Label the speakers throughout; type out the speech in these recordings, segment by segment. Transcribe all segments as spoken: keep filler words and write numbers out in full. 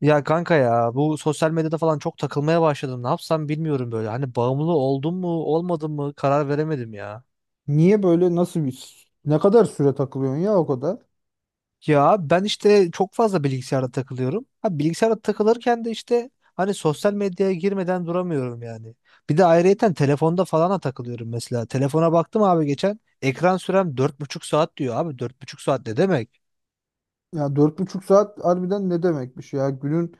Speaker 1: Ya kanka ya bu sosyal medyada falan çok takılmaya başladım. Ne yapsam bilmiyorum böyle. Hani bağımlı oldum mu olmadım mı karar veremedim ya.
Speaker 2: Niye böyle nasıl bir ne kadar süre takılıyorsun ya o kadar?
Speaker 1: Ya ben işte çok fazla bilgisayarda takılıyorum. Ha bilgisayarda takılırken de işte hani sosyal medyaya girmeden duramıyorum yani. Bir de ayrıyeten telefonda falan da takılıyorum mesela. Telefona baktım abi geçen ekran sürem dört buçuk saat diyor abi. Dört buçuk saat ne demek?
Speaker 2: Ya dört buçuk saat harbiden ne demekmiş ya? Günün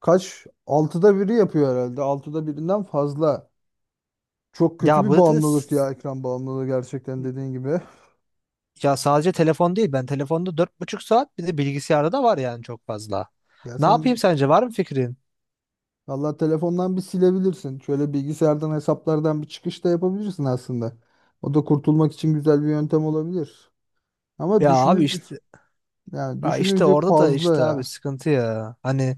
Speaker 2: kaç? Altıda biri yapıyor herhalde. Altıda birinden fazla. Çok kötü
Speaker 1: Ya
Speaker 2: bir
Speaker 1: bu da
Speaker 2: bağımlılık ya, ekran bağımlılığı gerçekten dediğin gibi.
Speaker 1: Ya sadece telefon değil. Ben telefonda dört buçuk saat bir de bilgisayarda da var yani çok fazla.
Speaker 2: Ya
Speaker 1: Ne
Speaker 2: sen bir,
Speaker 1: yapayım sence? Var mı fikrin?
Speaker 2: valla telefondan bir silebilirsin. Şöyle bilgisayardan hesaplardan bir çıkış da yapabilirsin aslında. O da kurtulmak için güzel bir yöntem olabilir. Ama
Speaker 1: Ya abi
Speaker 2: düşününce
Speaker 1: işte
Speaker 2: yani
Speaker 1: ya işte
Speaker 2: düşününce
Speaker 1: orada da
Speaker 2: fazla
Speaker 1: işte abi
Speaker 2: ya.
Speaker 1: sıkıntı ya. Hani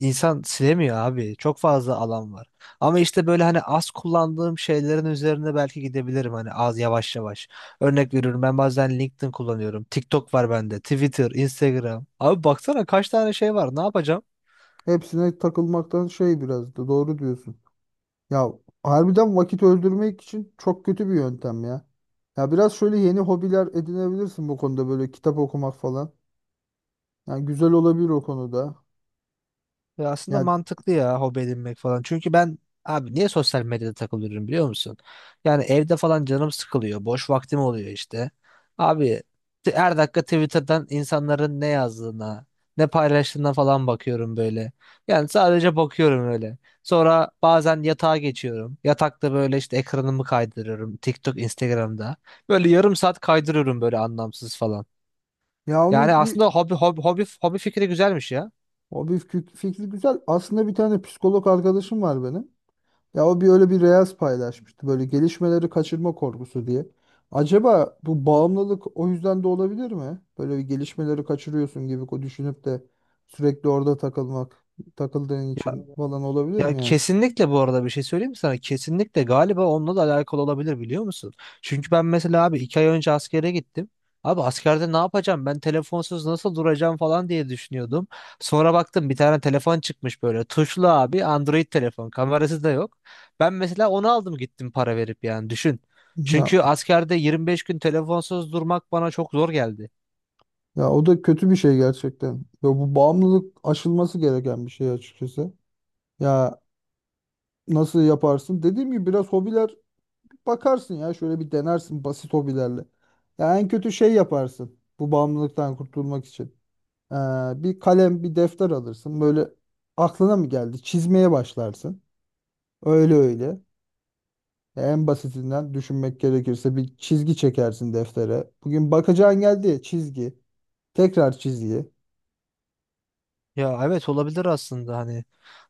Speaker 1: insan silemiyor abi. Çok fazla alan var. Ama işte böyle hani az kullandığım şeylerin üzerine belki gidebilirim hani az yavaş yavaş. Örnek veriyorum ben bazen LinkedIn kullanıyorum. TikTok var bende. Twitter, Instagram. Abi baksana kaç tane şey var. Ne yapacağım?
Speaker 2: Hepsine takılmaktan şey, biraz da doğru diyorsun. Ya harbiden vakit öldürmek için çok kötü bir yöntem ya. Ya biraz şöyle yeni hobiler edinebilirsin bu konuda, böyle kitap okumak falan. Yani güzel olabilir o konuda.
Speaker 1: Ya aslında
Speaker 2: Ya
Speaker 1: mantıklı ya hobi edinmek falan. Çünkü ben abi niye sosyal medyada takılıyorum biliyor musun? Yani evde falan canım sıkılıyor. Boş vaktim oluyor işte. Abi t- her dakika Twitter'dan insanların ne yazdığına, ne paylaştığına falan bakıyorum böyle. Yani sadece bakıyorum öyle. Sonra bazen yatağa geçiyorum. Yatakta böyle işte ekranımı kaydırıyorum. TikTok, Instagram'da. Böyle yarım saat kaydırıyorum böyle anlamsız falan.
Speaker 2: ya
Speaker 1: Yani
Speaker 2: onun bir
Speaker 1: aslında hobi hobi hobi hobi fikri güzelmiş ya.
Speaker 2: hobi fik- fikri güzel. Aslında bir tane psikolog arkadaşım var benim. Ya o bir öyle bir reels paylaşmıştı, böyle gelişmeleri kaçırma korkusu diye. Acaba bu bağımlılık o yüzden de olabilir mi? Böyle bir gelişmeleri kaçırıyorsun gibi ko- düşünüp de sürekli orada takılmak, takıldığın için falan olabilir
Speaker 1: Ya
Speaker 2: mi yani?
Speaker 1: kesinlikle bu arada bir şey söyleyeyim mi sana? Kesinlikle galiba onunla da alakalı olabilir biliyor musun? Çünkü ben mesela abi iki ay önce askere gittim. Abi askerde ne yapacağım? Ben telefonsuz nasıl duracağım falan diye düşünüyordum. Sonra baktım bir tane telefon çıkmış böyle. Tuşlu abi Android telefon. Kamerası da yok. Ben mesela onu aldım gittim para verip yani düşün.
Speaker 2: Ya
Speaker 1: Çünkü askerde yirmi beş gün telefonsuz durmak bana çok zor geldi.
Speaker 2: Ya o da kötü bir şey gerçekten. Ya bu bağımlılık aşılması gereken bir şey açıkçası. Ya nasıl yaparsın? Dediğim gibi biraz hobiler bakarsın ya, şöyle bir denersin basit hobilerle. Ya en kötü şey yaparsın bu bağımlılıktan kurtulmak için. Ee, Bir kalem, bir defter alırsın. Böyle aklına mı geldi? Çizmeye başlarsın. Öyle öyle. Ya en basitinden düşünmek gerekirse bir çizgi çekersin deftere. Bugün bakacağın geldi ya, çizgi. Tekrar çizgi.
Speaker 1: Ya evet olabilir aslında hani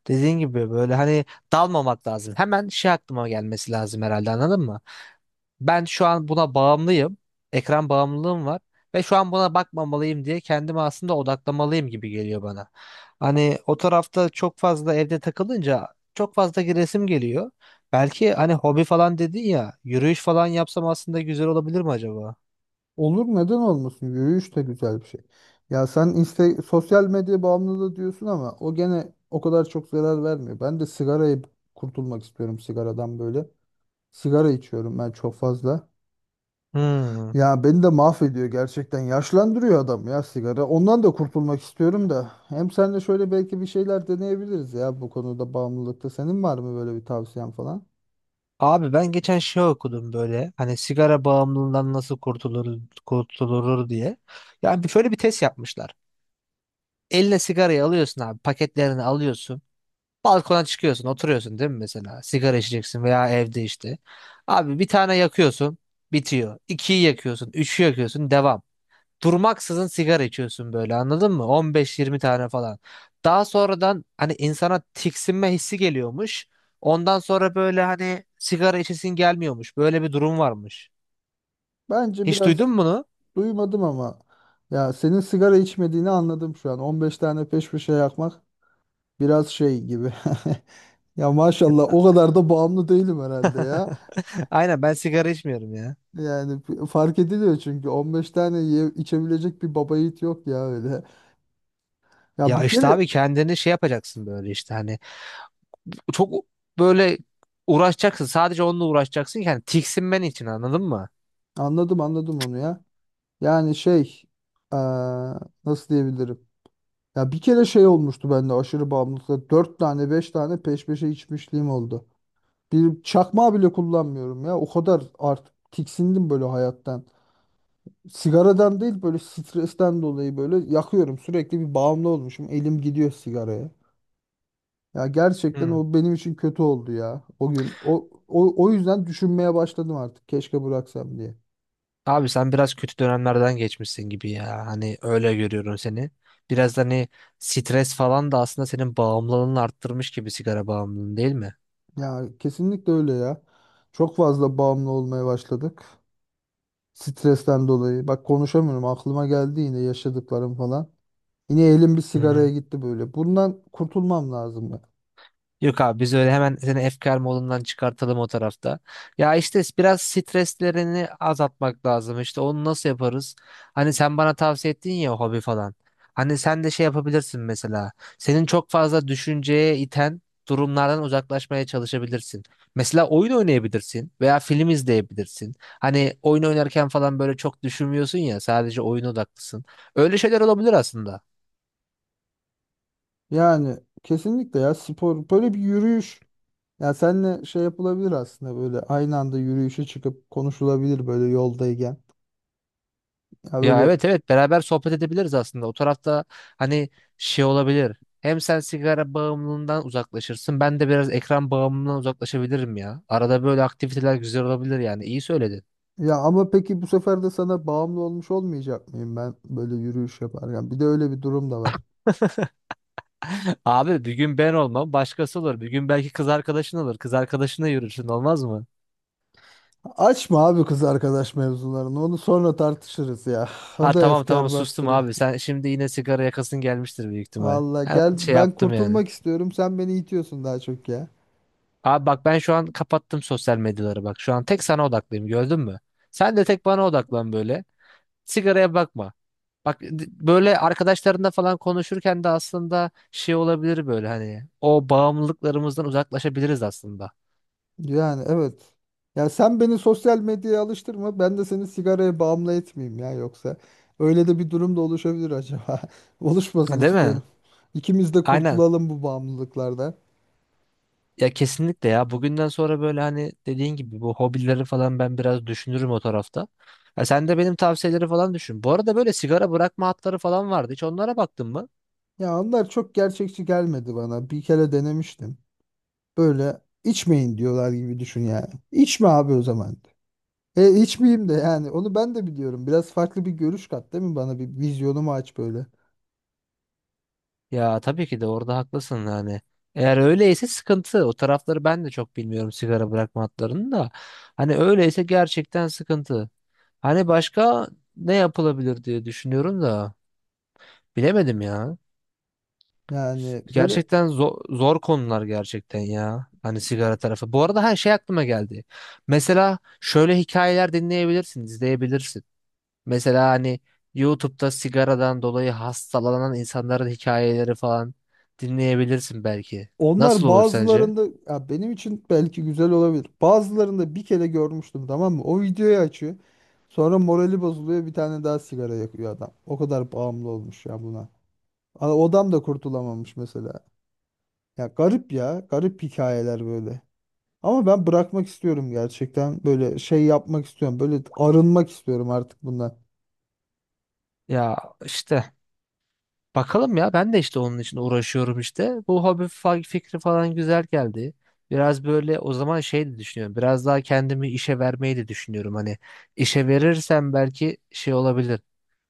Speaker 1: dediğin gibi böyle hani dalmamak lazım. Hemen şey aklıma gelmesi lazım herhalde anladın mı? Ben şu an buna bağımlıyım. Ekran bağımlılığım var ve şu an buna bakmamalıyım diye kendimi aslında odaklamalıyım gibi geliyor bana. Hani o tarafta çok fazla evde takılınca çok fazla resim geliyor. Belki hani hobi falan dedin ya yürüyüş falan yapsam aslında güzel olabilir mi acaba?
Speaker 2: Olur, neden olmasın? Yürüyüş de güzel bir şey. Ya sen işte sosyal medya bağımlılığı diyorsun ama o gene o kadar çok zarar vermiyor. Ben de sigarayı kurtulmak istiyorum sigaradan böyle. Sigara içiyorum ben çok fazla.
Speaker 1: Hmm.
Speaker 2: Ya beni de mahvediyor gerçekten. Yaşlandırıyor adam ya sigara. Ondan da kurtulmak istiyorum da. Hem sen de şöyle belki bir şeyler deneyebiliriz ya bu konuda, bağımlılıkta. Senin var mı böyle bir tavsiyen falan?
Speaker 1: Abi ben geçen şey okudum böyle hani sigara bağımlılığından nasıl kurtulur, kurtulur diye. Yani bir- şöyle bir test yapmışlar. Eline sigarayı alıyorsun abi paketlerini alıyorsun. Balkona çıkıyorsun oturuyorsun değil mi mesela sigara içeceksin veya evde işte. Abi bir tane yakıyorsun bitiyor. İkiyi yakıyorsun üçü yakıyorsun devam durmaksızın sigara içiyorsun böyle anladın mı? on beş yirmi tane falan. Daha sonradan hani insana tiksinme hissi geliyormuş. Ondan sonra böyle hani sigara içesin gelmiyormuş. Böyle bir durum varmış.
Speaker 2: Bence
Speaker 1: Hiç
Speaker 2: biraz
Speaker 1: duydun mu bunu?
Speaker 2: duymadım ama ya senin sigara içmediğini anladım şu an. On beş tane peş peşe yakmak biraz şey gibi. Ya maşallah o kadar da bağımlı değilim herhalde ya.
Speaker 1: Aynen ben sigara içmiyorum ya.
Speaker 2: Yani f- fark ediliyor çünkü on beş tane ye- içebilecek bir baba yiğit yok ya öyle. Ya
Speaker 1: Ya
Speaker 2: bir
Speaker 1: işte
Speaker 2: kere
Speaker 1: abi kendini şey yapacaksın böyle işte hani çok böyle uğraşacaksın. Sadece onunla uğraşacaksın ki hani tiksinmen için anladın mı?
Speaker 2: anladım anladım onu ya. Yani şey, eee, nasıl diyebilirim? Ya bir kere şey olmuştu bende aşırı bağımlılıkla. Dört tane, beş tane peş peşe içmişliğim oldu. Bir çakmağı bile kullanmıyorum ya. O kadar artık tiksindim böyle hayattan. Sigaradan değil, böyle stresten dolayı böyle yakıyorum. Sürekli bir bağımlı olmuşum. Elim gidiyor sigaraya. Ya gerçekten
Speaker 1: Hı.
Speaker 2: o benim için kötü oldu ya. O gün o o, o yüzden düşünmeye başladım artık. Keşke bıraksam diye.
Speaker 1: Abi sen biraz kötü dönemlerden geçmişsin gibi ya. Hani öyle görüyorum seni. Biraz da hani stres falan da aslında senin bağımlılığını arttırmış gibi sigara bağımlılığın değil mi?
Speaker 2: Ya kesinlikle öyle ya. Çok fazla bağımlı olmaya başladık. Stresten dolayı. Bak konuşamıyorum. Aklıma geldi yine yaşadıklarım falan. Yine elim bir
Speaker 1: Hı
Speaker 2: sigaraya
Speaker 1: hı.
Speaker 2: gitti böyle. Bundan kurtulmam lazım ya.
Speaker 1: Yok abi biz öyle hemen seni efkar modundan çıkartalım o tarafta. Ya işte biraz streslerini azaltmak lazım. İşte onu nasıl yaparız? Hani sen bana tavsiye ettin ya hobi falan. Hani sen de şey yapabilirsin mesela. Senin çok fazla düşünceye iten durumlardan uzaklaşmaya çalışabilirsin. Mesela oyun oynayabilirsin veya film izleyebilirsin. Hani oyun oynarken falan böyle çok düşünmüyorsun ya sadece oyun odaklısın. Öyle şeyler olabilir aslında.
Speaker 2: Yani kesinlikle ya, spor, böyle bir yürüyüş. Ya senle şey yapılabilir aslında, böyle aynı anda yürüyüşe çıkıp konuşulabilir böyle yoldayken. Ya
Speaker 1: Ya
Speaker 2: böyle
Speaker 1: evet evet beraber sohbet edebiliriz aslında. O tarafta hani şey olabilir. Hem sen sigara bağımlılığından uzaklaşırsın. Ben de biraz ekran bağımlılığından uzaklaşabilirim ya. Arada böyle aktiviteler güzel olabilir yani. İyi söyledin.
Speaker 2: ya, ama peki bu sefer de sana bağımlı olmuş olmayacak mıyım ben böyle yürüyüş yaparken? Bir de öyle bir durum da var.
Speaker 1: Abi bir gün ben olmam başkası olur. Bir gün belki kız arkadaşın olur. Kız arkadaşına yürürsün olmaz mı?
Speaker 2: Açma abi kız arkadaş mevzularını. Onu sonra tartışırız ya.
Speaker 1: Ha,
Speaker 2: O da
Speaker 1: tamam tamam
Speaker 2: efkar
Speaker 1: sustum
Speaker 2: bastırı.
Speaker 1: abi. Sen şimdi yine sigara yakasın gelmiştir büyük ihtimal.
Speaker 2: Valla
Speaker 1: Evet,
Speaker 2: gel,
Speaker 1: şey
Speaker 2: ben
Speaker 1: yaptım yani.
Speaker 2: kurtulmak istiyorum. Sen beni itiyorsun daha çok ya.
Speaker 1: Abi bak ben şu an kapattım sosyal medyaları bak. Şu an tek sana odaklıyım gördün mü? Sen de tek bana odaklan böyle. Sigaraya bakma. Bak böyle arkadaşlarında falan konuşurken de aslında şey olabilir böyle hani o bağımlılıklarımızdan uzaklaşabiliriz aslında.
Speaker 2: Yani evet. Ya sen beni sosyal medyaya alıştırma. Ben de seni sigaraya bağımlı etmeyeyim ya yoksa. Öyle de bir durum da oluşabilir acaba.
Speaker 1: Ha,
Speaker 2: Oluşmasını
Speaker 1: değil
Speaker 2: istiyorum.
Speaker 1: mi?
Speaker 2: İkimiz de
Speaker 1: Aynen.
Speaker 2: kurtulalım bu bağımlılıklardan.
Speaker 1: Ya kesinlikle ya bugünden sonra böyle hani dediğin gibi bu hobileri falan ben biraz düşünürüm o tarafta. Ya sen de benim tavsiyeleri falan düşün. Bu arada böyle sigara bırakma hatları falan vardı. Hiç onlara baktın mı?
Speaker 2: Ya onlar çok gerçekçi gelmedi bana. Bir kere denemiştim. Böyle içmeyin diyorlar gibi düşün yani. İçme abi o zaman. E içmeyeyim de yani onu ben de biliyorum. Biraz farklı bir görüş kat değil mi bana? Bir vizyonumu aç böyle.
Speaker 1: Ya tabii ki de orada haklısın yani. Eğer öyleyse sıkıntı. O tarafları ben de çok bilmiyorum sigara bırakma hatlarını da. Hani öyleyse gerçekten sıkıntı. Hani başka ne yapılabilir diye düşünüyorum da bilemedim ya.
Speaker 2: Yani böyle,
Speaker 1: Gerçekten zor, zor konular gerçekten ya. Hani sigara tarafı. Bu arada her şey aklıma geldi. Mesela şöyle hikayeler dinleyebilirsin, izleyebilirsin. Mesela hani YouTube'da sigaradan dolayı hastalanan insanların hikayeleri falan dinleyebilirsin belki. Nasıl
Speaker 2: onlar
Speaker 1: olur sence?
Speaker 2: bazılarında ya benim için belki güzel olabilir. Bazılarında bir kere görmüştüm, tamam mı? O videoyu açıyor. Sonra morali bozuluyor, bir tane daha sigara yakıyor adam. O kadar bağımlı olmuş ya buna. A- O adam da kurtulamamış mesela. Ya garip ya. Garip hikayeler böyle. Ama ben bırakmak istiyorum gerçekten. Böyle şey yapmak istiyorum. Böyle arınmak istiyorum artık bundan.
Speaker 1: Ya işte bakalım ya ben de işte onun için uğraşıyorum işte. Bu hobi fa- fikri falan güzel geldi. Biraz böyle o zaman şey de düşünüyorum. Biraz daha kendimi işe vermeyi de düşünüyorum. Hani işe verirsem belki şey olabilir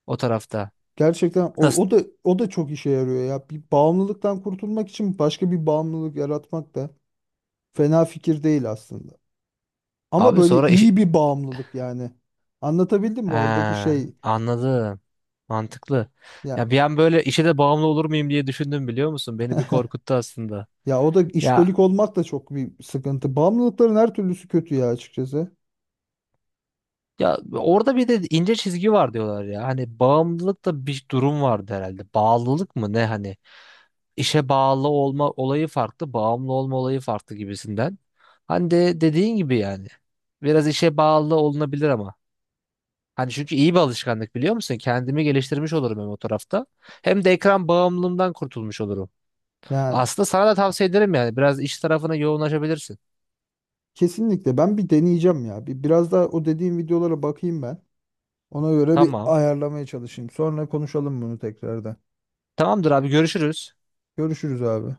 Speaker 1: o tarafta.
Speaker 2: Gerçekten o,
Speaker 1: Nasıl?
Speaker 2: o da o da çok işe yarıyor ya. Bir bağımlılıktan kurtulmak için başka bir bağımlılık yaratmak da fena fikir değil aslında. Ama
Speaker 1: Abi
Speaker 2: böyle
Speaker 1: sonra
Speaker 2: iyi
Speaker 1: iş,
Speaker 2: bir bağımlılık yani. Anlatabildim mi oradaki
Speaker 1: Ha,
Speaker 2: şey?
Speaker 1: anladım. Mantıklı.
Speaker 2: Ya
Speaker 1: Ya bir an böyle işe de bağımlı olur muyum diye düşündüm biliyor musun? Beni bir korkuttu aslında.
Speaker 2: ya o da
Speaker 1: Ya
Speaker 2: işkolik olmak da çok bir sıkıntı. Bağımlılıkların her türlüsü kötü ya açıkçası.
Speaker 1: ya orada bir de ince çizgi var diyorlar ya. Hani bağımlılık da bir durum vardı herhalde. Bağlılık mı ne hani? İşe bağlı olma olayı farklı, bağımlı olma olayı farklı gibisinden. Hani de dediğin gibi yani. Biraz işe bağlı olunabilir ama. Hani çünkü iyi bir alışkanlık biliyor musun? Kendimi geliştirmiş olurum hem o tarafta. Hem de ekran bağımlılığımdan kurtulmuş olurum.
Speaker 2: Yani
Speaker 1: Aslında sana da tavsiye ederim yani. Biraz iş tarafına yoğunlaşabilirsin.
Speaker 2: kesinlikle ben bir deneyeceğim ya. Bir biraz daha o dediğim videolara bakayım ben. Ona göre bir
Speaker 1: Tamam.
Speaker 2: ayarlamaya çalışayım. Sonra konuşalım bunu tekrardan.
Speaker 1: Tamamdır abi görüşürüz.
Speaker 2: Görüşürüz abi.